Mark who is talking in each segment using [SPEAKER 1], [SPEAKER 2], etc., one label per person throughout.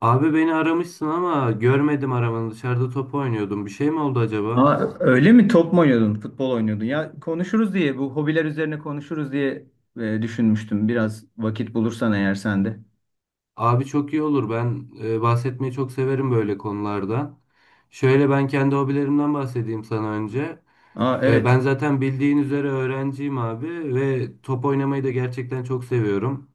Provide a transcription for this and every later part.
[SPEAKER 1] Abi beni aramışsın ama görmedim aramanı. Dışarıda top oynuyordum. Bir şey mi oldu acaba?
[SPEAKER 2] Aa, öyle mi? Top mu oynuyordun? Futbol oynuyordun. Ya konuşuruz diye, bu hobiler üzerine konuşuruz diye düşünmüştüm. Biraz vakit bulursan eğer sen de.
[SPEAKER 1] Abi çok iyi olur. Ben bahsetmeyi çok severim böyle konulardan. Şöyle ben kendi hobilerimden bahsedeyim sana önce.
[SPEAKER 2] Aa, evet.
[SPEAKER 1] Ben zaten bildiğin üzere öğrenciyim abi ve top oynamayı da gerçekten çok seviyorum.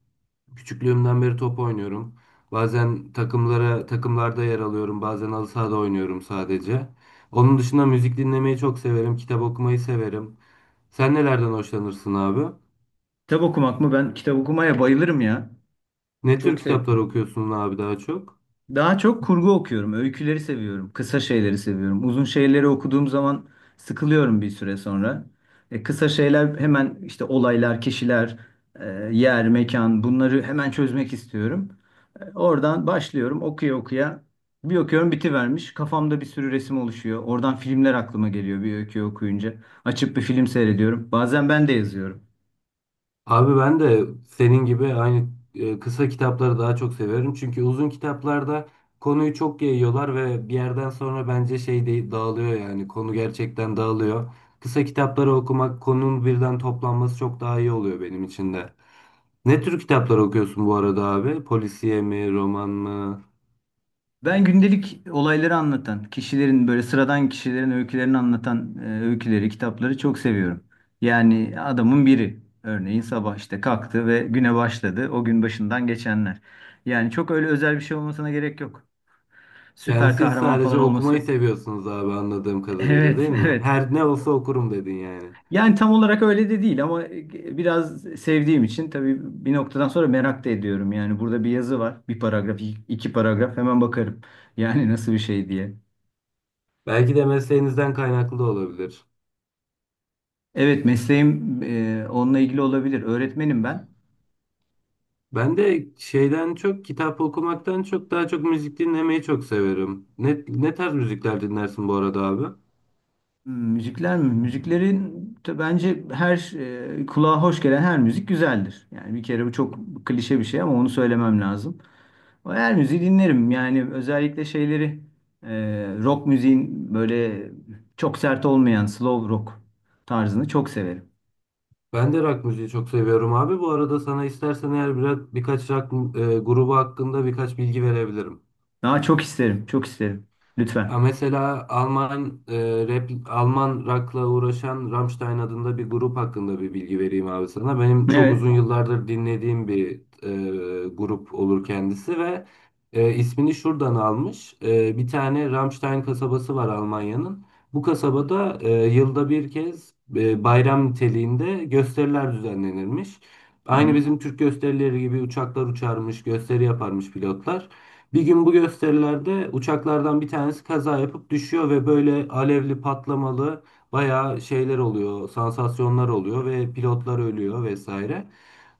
[SPEAKER 1] Küçüklüğümden beri top oynuyorum. Bazen takımlarda yer alıyorum. Bazen halı sahada oynuyorum sadece. Onun dışında müzik dinlemeyi çok severim. Kitap okumayı severim. Sen nelerden hoşlanırsın abi?
[SPEAKER 2] Kitap okumak mı? Ben kitap okumaya bayılırım ya.
[SPEAKER 1] Ne tür
[SPEAKER 2] Çok
[SPEAKER 1] kitaplar
[SPEAKER 2] seviyorum.
[SPEAKER 1] okuyorsun abi daha çok?
[SPEAKER 2] Daha çok kurgu okuyorum. Öyküleri seviyorum. Kısa şeyleri seviyorum. Uzun şeyleri okuduğum zaman sıkılıyorum bir süre sonra. Kısa şeyler hemen işte olaylar, kişiler, e, yer, mekan bunları hemen çözmek istiyorum. Oradan başlıyorum okuya okuya. Bir okuyorum bitivermiş. Kafamda bir sürü resim oluşuyor. Oradan filmler aklıma geliyor bir öyküyü okuyunca. Açıp bir film seyrediyorum. Bazen ben de yazıyorum.
[SPEAKER 1] Abi ben de senin gibi aynı kısa kitapları daha çok seviyorum. Çünkü uzun kitaplarda konuyu çok yayıyorlar ve bir yerden sonra bence dağılıyor yani. Konu gerçekten dağılıyor. Kısa kitapları okumak, konunun birden toplanması çok daha iyi oluyor benim için de. Ne tür kitaplar okuyorsun bu arada abi? Polisiye mi, roman mı?
[SPEAKER 2] Ben gündelik olayları anlatan, kişilerin böyle sıradan kişilerin öykülerini anlatan öyküleri, kitapları çok seviyorum. Yani adamın biri örneğin sabah işte kalktı ve güne başladı. O gün başından geçenler. Yani çok öyle özel bir şey olmasına gerek yok.
[SPEAKER 1] Yani
[SPEAKER 2] Süper
[SPEAKER 1] siz
[SPEAKER 2] kahraman
[SPEAKER 1] sadece
[SPEAKER 2] falan
[SPEAKER 1] okumayı
[SPEAKER 2] olması.
[SPEAKER 1] seviyorsunuz abi anladığım kadarıyla
[SPEAKER 2] Evet,
[SPEAKER 1] değil mi?
[SPEAKER 2] evet.
[SPEAKER 1] Her ne olsa okurum dedin yani.
[SPEAKER 2] Yani tam olarak öyle de değil ama biraz sevdiğim için tabii bir noktadan sonra merak da ediyorum. Yani burada bir yazı var. Bir paragraf, iki paragraf hemen bakarım. Yani nasıl bir şey diye.
[SPEAKER 1] Belki de mesleğinizden kaynaklı da olabilir.
[SPEAKER 2] Evet mesleğim onunla ilgili olabilir. Öğretmenim ben.
[SPEAKER 1] Ben de şeyden çok kitap okumaktan çok daha çok müzik dinlemeyi çok severim. Ne tarz müzikler dinlersin bu arada abi?
[SPEAKER 2] Hmm, müzikler mi? Müziklerin de bence her kulağa hoş gelen her müzik güzeldir. Yani bir kere bu çok klişe bir şey ama onu söylemem lazım. Her müziği dinlerim. Yani özellikle şeyleri e, rock müziğin böyle çok sert olmayan slow rock tarzını çok severim.
[SPEAKER 1] Ben de rock müziği çok seviyorum abi. Bu arada sana istersen eğer biraz birkaç rock grubu hakkında birkaç bilgi verebilirim.
[SPEAKER 2] Daha çok isterim, çok isterim.
[SPEAKER 1] Ha,
[SPEAKER 2] Lütfen.
[SPEAKER 1] mesela Alman rap, Alman rock'la uğraşan Rammstein adında bir grup hakkında bir bilgi vereyim abi sana. Benim çok
[SPEAKER 2] Evet.
[SPEAKER 1] uzun yıllardır dinlediğim bir grup olur kendisi ve ismini şuradan almış. Bir tane Rammstein kasabası var Almanya'nın. Bu kasabada yılda bir kez bayram niteliğinde gösteriler düzenlenirmiş.
[SPEAKER 2] Hı
[SPEAKER 1] Aynı
[SPEAKER 2] hı.
[SPEAKER 1] bizim Türk gösterileri gibi uçaklar uçarmış, gösteri yaparmış pilotlar. Bir gün bu gösterilerde uçaklardan bir tanesi kaza yapıp düşüyor ve böyle alevli patlamalı bayağı şeyler oluyor, sansasyonlar oluyor ve pilotlar ölüyor vesaire.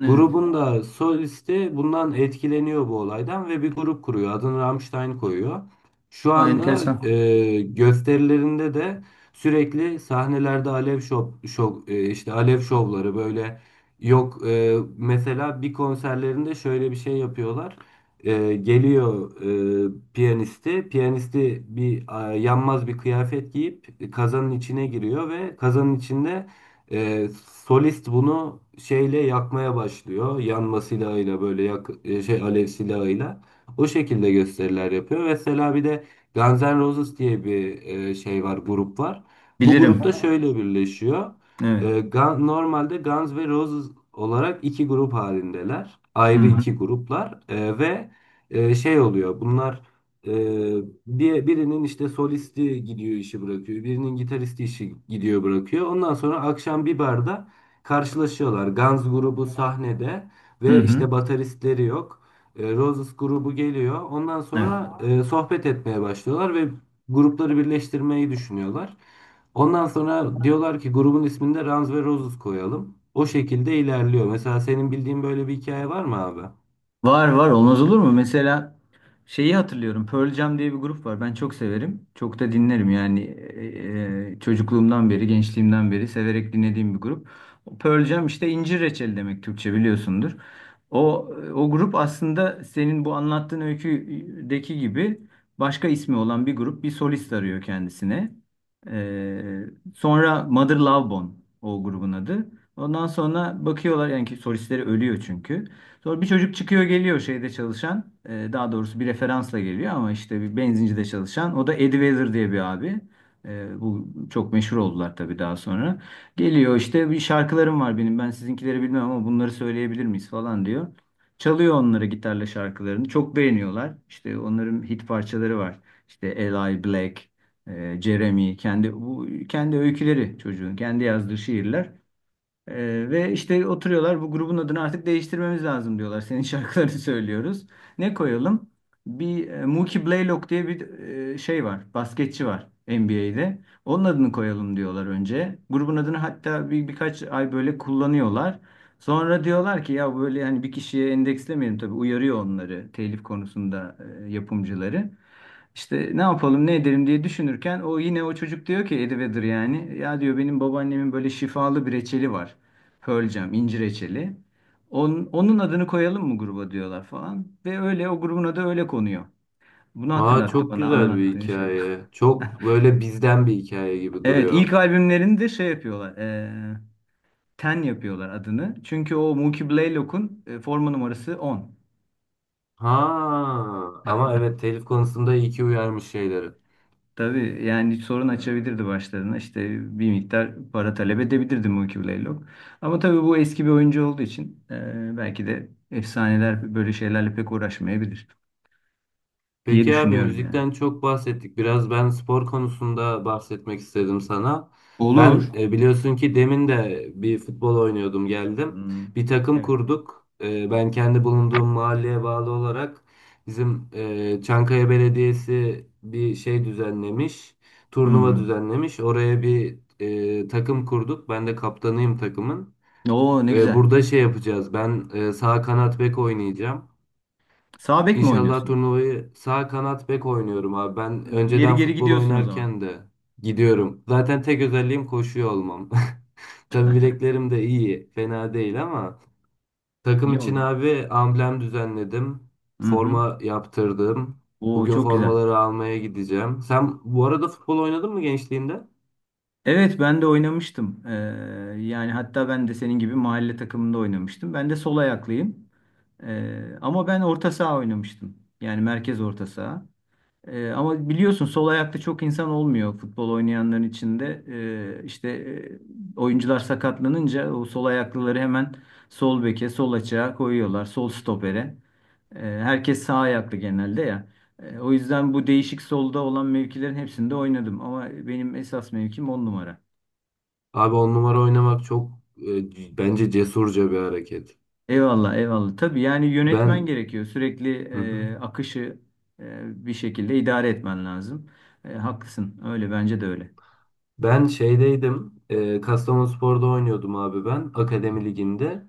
[SPEAKER 2] Evet.
[SPEAKER 1] Grubun da solisti bundan etkileniyor bu olaydan ve bir grup kuruyor. Adını Rammstein koyuyor. Şu
[SPEAKER 2] Aa,
[SPEAKER 1] anda
[SPEAKER 2] enteresan.
[SPEAKER 1] gösterilerinde de sürekli sahnelerde alev şov, şov e, işte alev şovları böyle yok e, mesela bir konserlerinde şöyle bir şey yapıyorlar. Geliyor piyanisti. Piyanisti yanmaz bir kıyafet giyip kazanın içine giriyor ve kazanın içinde ee, solist bunu şeyle yakmaya başlıyor. Yanma silahıyla böyle yak, e, şey alev silahıyla. O şekilde gösteriler yapıyor. Mesela bir de Guns N' Roses diye bir grup var. Bu
[SPEAKER 2] Bilirim.
[SPEAKER 1] grupta şöyle birleşiyor.
[SPEAKER 2] Evet.
[SPEAKER 1] Normalde Guns ve Roses olarak iki grup halindeler.
[SPEAKER 2] Hı
[SPEAKER 1] Ayrı
[SPEAKER 2] hı.
[SPEAKER 1] iki gruplar. Ve şey oluyor. Bunlar ee, birinin işte solisti gidiyor işi bırakıyor. Birinin gitaristi işi gidiyor bırakıyor. Ondan sonra akşam bir barda karşılaşıyorlar. Guns grubu sahnede
[SPEAKER 2] Hı
[SPEAKER 1] ve işte
[SPEAKER 2] hı.
[SPEAKER 1] bateristleri yok. Roses grubu geliyor. Ondan
[SPEAKER 2] Evet.
[SPEAKER 1] sonra sohbet etmeye başlıyorlar ve grupları birleştirmeyi düşünüyorlar. Ondan sonra diyorlar ki grubun ismini de Guns ve Roses koyalım. O şekilde ilerliyor. Mesela senin bildiğin böyle bir hikaye var mı abi?
[SPEAKER 2] Var var olmaz olur mu? Mesela şeyi hatırlıyorum. Pearl Jam diye bir grup var. Ben çok severim. Çok da dinlerim yani çocukluğumdan beri, gençliğimden beri severek dinlediğim bir grup. Pearl Jam işte incir reçeli demek Türkçe biliyorsundur. O o grup aslında senin bu anlattığın öyküdeki gibi başka ismi olan bir grup bir solist arıyor kendisine. Ee, Sonra Mother Love Bone o grubun adı. Ondan sonra bakıyorlar yani ki solistleri ölüyor çünkü. Sonra bir çocuk çıkıyor geliyor şeyde çalışan. Daha doğrusu bir referansla geliyor ama işte bir benzincide çalışan. O da Eddie Vedder diye bir abi. Bu çok meşhur oldular tabii daha sonra. Geliyor işte bir şarkılarım var benim. Ben sizinkileri bilmem ama bunları söyleyebilir miyiz falan diyor. Çalıyor onlara gitarla şarkılarını. Çok beğeniyorlar. İşte onların hit parçaları var. İşte Eli Black, Jeremy, bu kendi öyküleri çocuğun, kendi yazdığı şiirler. Ve işte oturuyorlar bu grubun adını artık değiştirmemiz lazım diyorlar. Senin şarkılarını söylüyoruz. Ne koyalım? Bir Mookie Blaylock diye bir şey var. Basketçi var NBA'de. Onun adını koyalım diyorlar önce. Grubun adını hatta birkaç ay böyle kullanıyorlar. Sonra diyorlar ki ya böyle hani bir kişiye endekslemeyelim tabii uyarıyor onları telif konusunda yapımcıları. İşte ne yapalım ne edelim diye düşünürken o yine o çocuk diyor ki Eddie Vedder yani ya diyor benim babaannemin böyle şifalı bir reçeli var. Pearl Jam, incir reçeli. Onun adını koyalım mı gruba diyorlar falan. Ve öyle o grubun adı öyle konuyor. Bunu
[SPEAKER 1] Aa
[SPEAKER 2] hatırlattı
[SPEAKER 1] çok
[SPEAKER 2] bana
[SPEAKER 1] güzel bir
[SPEAKER 2] anlattığın şey.
[SPEAKER 1] hikaye. Çok böyle bizden bir hikaye gibi
[SPEAKER 2] Evet
[SPEAKER 1] duruyor.
[SPEAKER 2] ilk albümlerini de şey yapıyorlar. Ten yapıyorlar adını. Çünkü o Mookie Blaylock'un forma numarası 10.
[SPEAKER 1] Ha ama evet telif konusunda iyi ki uyarmış şeyleri.
[SPEAKER 2] Tabii yani sorun açabilirdi başlarına. İşte bir miktar para talep edebilirdi Mookie Blaylock. Ama tabii bu eski bir oyuncu olduğu için belki de efsaneler böyle şeylerle pek uğraşmayabilir diye
[SPEAKER 1] Peki abi
[SPEAKER 2] düşünüyorum yani.
[SPEAKER 1] müzikten çok bahsettik. Biraz ben spor konusunda bahsetmek istedim sana.
[SPEAKER 2] Olur.
[SPEAKER 1] Ben biliyorsun ki demin de bir futbol oynuyordum geldim.
[SPEAKER 2] Hmm.
[SPEAKER 1] Bir takım
[SPEAKER 2] Evet.
[SPEAKER 1] kurduk. Ben kendi bulunduğum mahalleye bağlı olarak bizim Çankaya Belediyesi bir şey düzenlemiş. Turnuva
[SPEAKER 2] Hmm.
[SPEAKER 1] düzenlemiş. Oraya bir takım kurduk. Ben de kaptanıyım takımın.
[SPEAKER 2] Oo ne güzel.
[SPEAKER 1] Burada şey yapacağız. Ben sağ kanat bek oynayacağım.
[SPEAKER 2] Sağ bek mi
[SPEAKER 1] İnşallah
[SPEAKER 2] oynuyorsun
[SPEAKER 1] turnuvayı sağ kanat bek oynuyorum abi. Ben
[SPEAKER 2] yani? İleri
[SPEAKER 1] önceden
[SPEAKER 2] geri
[SPEAKER 1] futbol
[SPEAKER 2] gidiyorsun o zaman.
[SPEAKER 1] oynarken de gidiyorum. Zaten tek özelliğim koşuyor olmam. Tabii bileklerim de iyi, fena değil ama takım için
[SPEAKER 2] Yok.
[SPEAKER 1] abi amblem düzenledim.
[SPEAKER 2] Hı hı.
[SPEAKER 1] Forma yaptırdım.
[SPEAKER 2] Oo
[SPEAKER 1] Bugün
[SPEAKER 2] çok güzel.
[SPEAKER 1] formaları almaya gideceğim. Sen bu arada futbol oynadın mı gençliğinde?
[SPEAKER 2] Evet ben de oynamıştım. Yani hatta ben de senin gibi mahalle takımında oynamıştım. Ben de sol ayaklıyım. Ama ben orta saha oynamıştım. Yani merkez orta saha. Ama biliyorsun sol ayakta çok insan olmuyor futbol oynayanların içinde. İşte oyuncular sakatlanınca o sol ayaklıları hemen sol beke, sol açığa koyuyorlar. Sol stopere. Herkes sağ ayaklı genelde ya. O yüzden bu değişik solda olan mevkilerin hepsinde oynadım. Ama benim esas mevkim on numara.
[SPEAKER 1] Abi 10 numara oynamak çok bence cesurca bir hareket.
[SPEAKER 2] Eyvallah, eyvallah. Tabii yani yönetmen
[SPEAKER 1] Ben
[SPEAKER 2] gerekiyor. Sürekli akışı bir şekilde idare etmen lazım. E, haklısın. Öyle bence de öyle.
[SPEAKER 1] Ben şeydeydim. Kastamonuspor'da oynuyordum abi ben. Akademi liginde.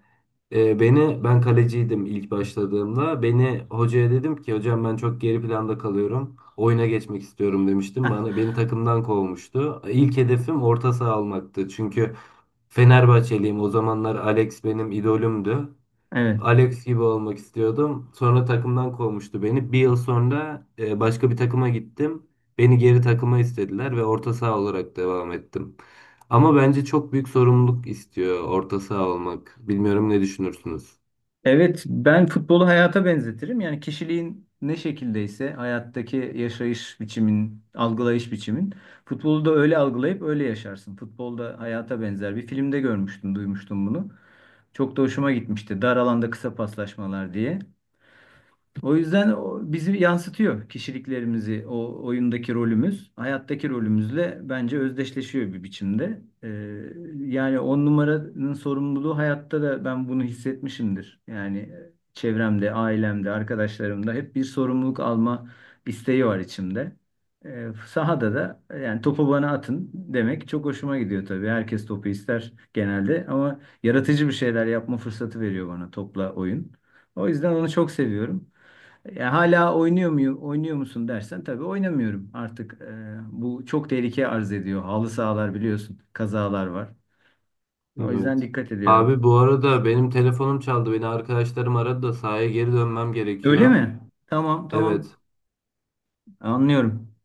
[SPEAKER 1] Ben kaleciydim ilk başladığımda. Beni hocaya dedim ki hocam ben çok geri planda kalıyorum. Oyuna geçmek istiyorum demiştim. Beni takımdan kovmuştu. İlk hedefim orta saha almaktı. Çünkü Fenerbahçeliyim. O zamanlar Alex benim idolümdü.
[SPEAKER 2] Evet.
[SPEAKER 1] Alex gibi olmak istiyordum. Sonra takımdan kovmuştu beni. Bir yıl sonra başka bir takıma gittim. Beni geri takıma istediler ve orta saha olarak devam ettim. Ama bence çok büyük sorumluluk istiyor orta saha olmak. Bilmiyorum ne düşünürsünüz?
[SPEAKER 2] Evet, ben futbolu hayata benzetirim. Yani kişiliğin ne şekildeyse hayattaki yaşayış biçimin, algılayış biçimin futbolu da öyle algılayıp öyle yaşarsın. Futbolda hayata benzer. Bir filmde görmüştüm, duymuştum bunu. Çok da hoşuma gitmişti. Dar alanda kısa paslaşmalar diye. O yüzden o bizi yansıtıyor kişiliklerimizi, o oyundaki rolümüz, hayattaki rolümüzle bence özdeşleşiyor bir biçimde. Yani on numaranın sorumluluğu hayatta da ben bunu hissetmişimdir. Yani çevremde, ailemde, arkadaşlarımda hep bir sorumluluk alma isteği var içimde. Sahada da yani topu bana atın demek çok hoşuma gidiyor tabii. Herkes topu ister genelde ama yaratıcı bir şeyler yapma fırsatı veriyor bana topla oyun. O yüzden onu çok seviyorum. Ya hala oynuyor muyum, oynuyor musun dersen tabii oynamıyorum artık. Bu çok tehlike arz ediyor. Halı sahalar biliyorsun, kazalar var. O yüzden
[SPEAKER 1] Evet.
[SPEAKER 2] dikkat ediyorum.
[SPEAKER 1] Abi bu arada benim telefonum çaldı. Beni arkadaşlarım aradı da sahaya geri dönmem
[SPEAKER 2] Öyle
[SPEAKER 1] gerekiyor.
[SPEAKER 2] mi? Tamam, tamam.
[SPEAKER 1] Evet.
[SPEAKER 2] Anlıyorum.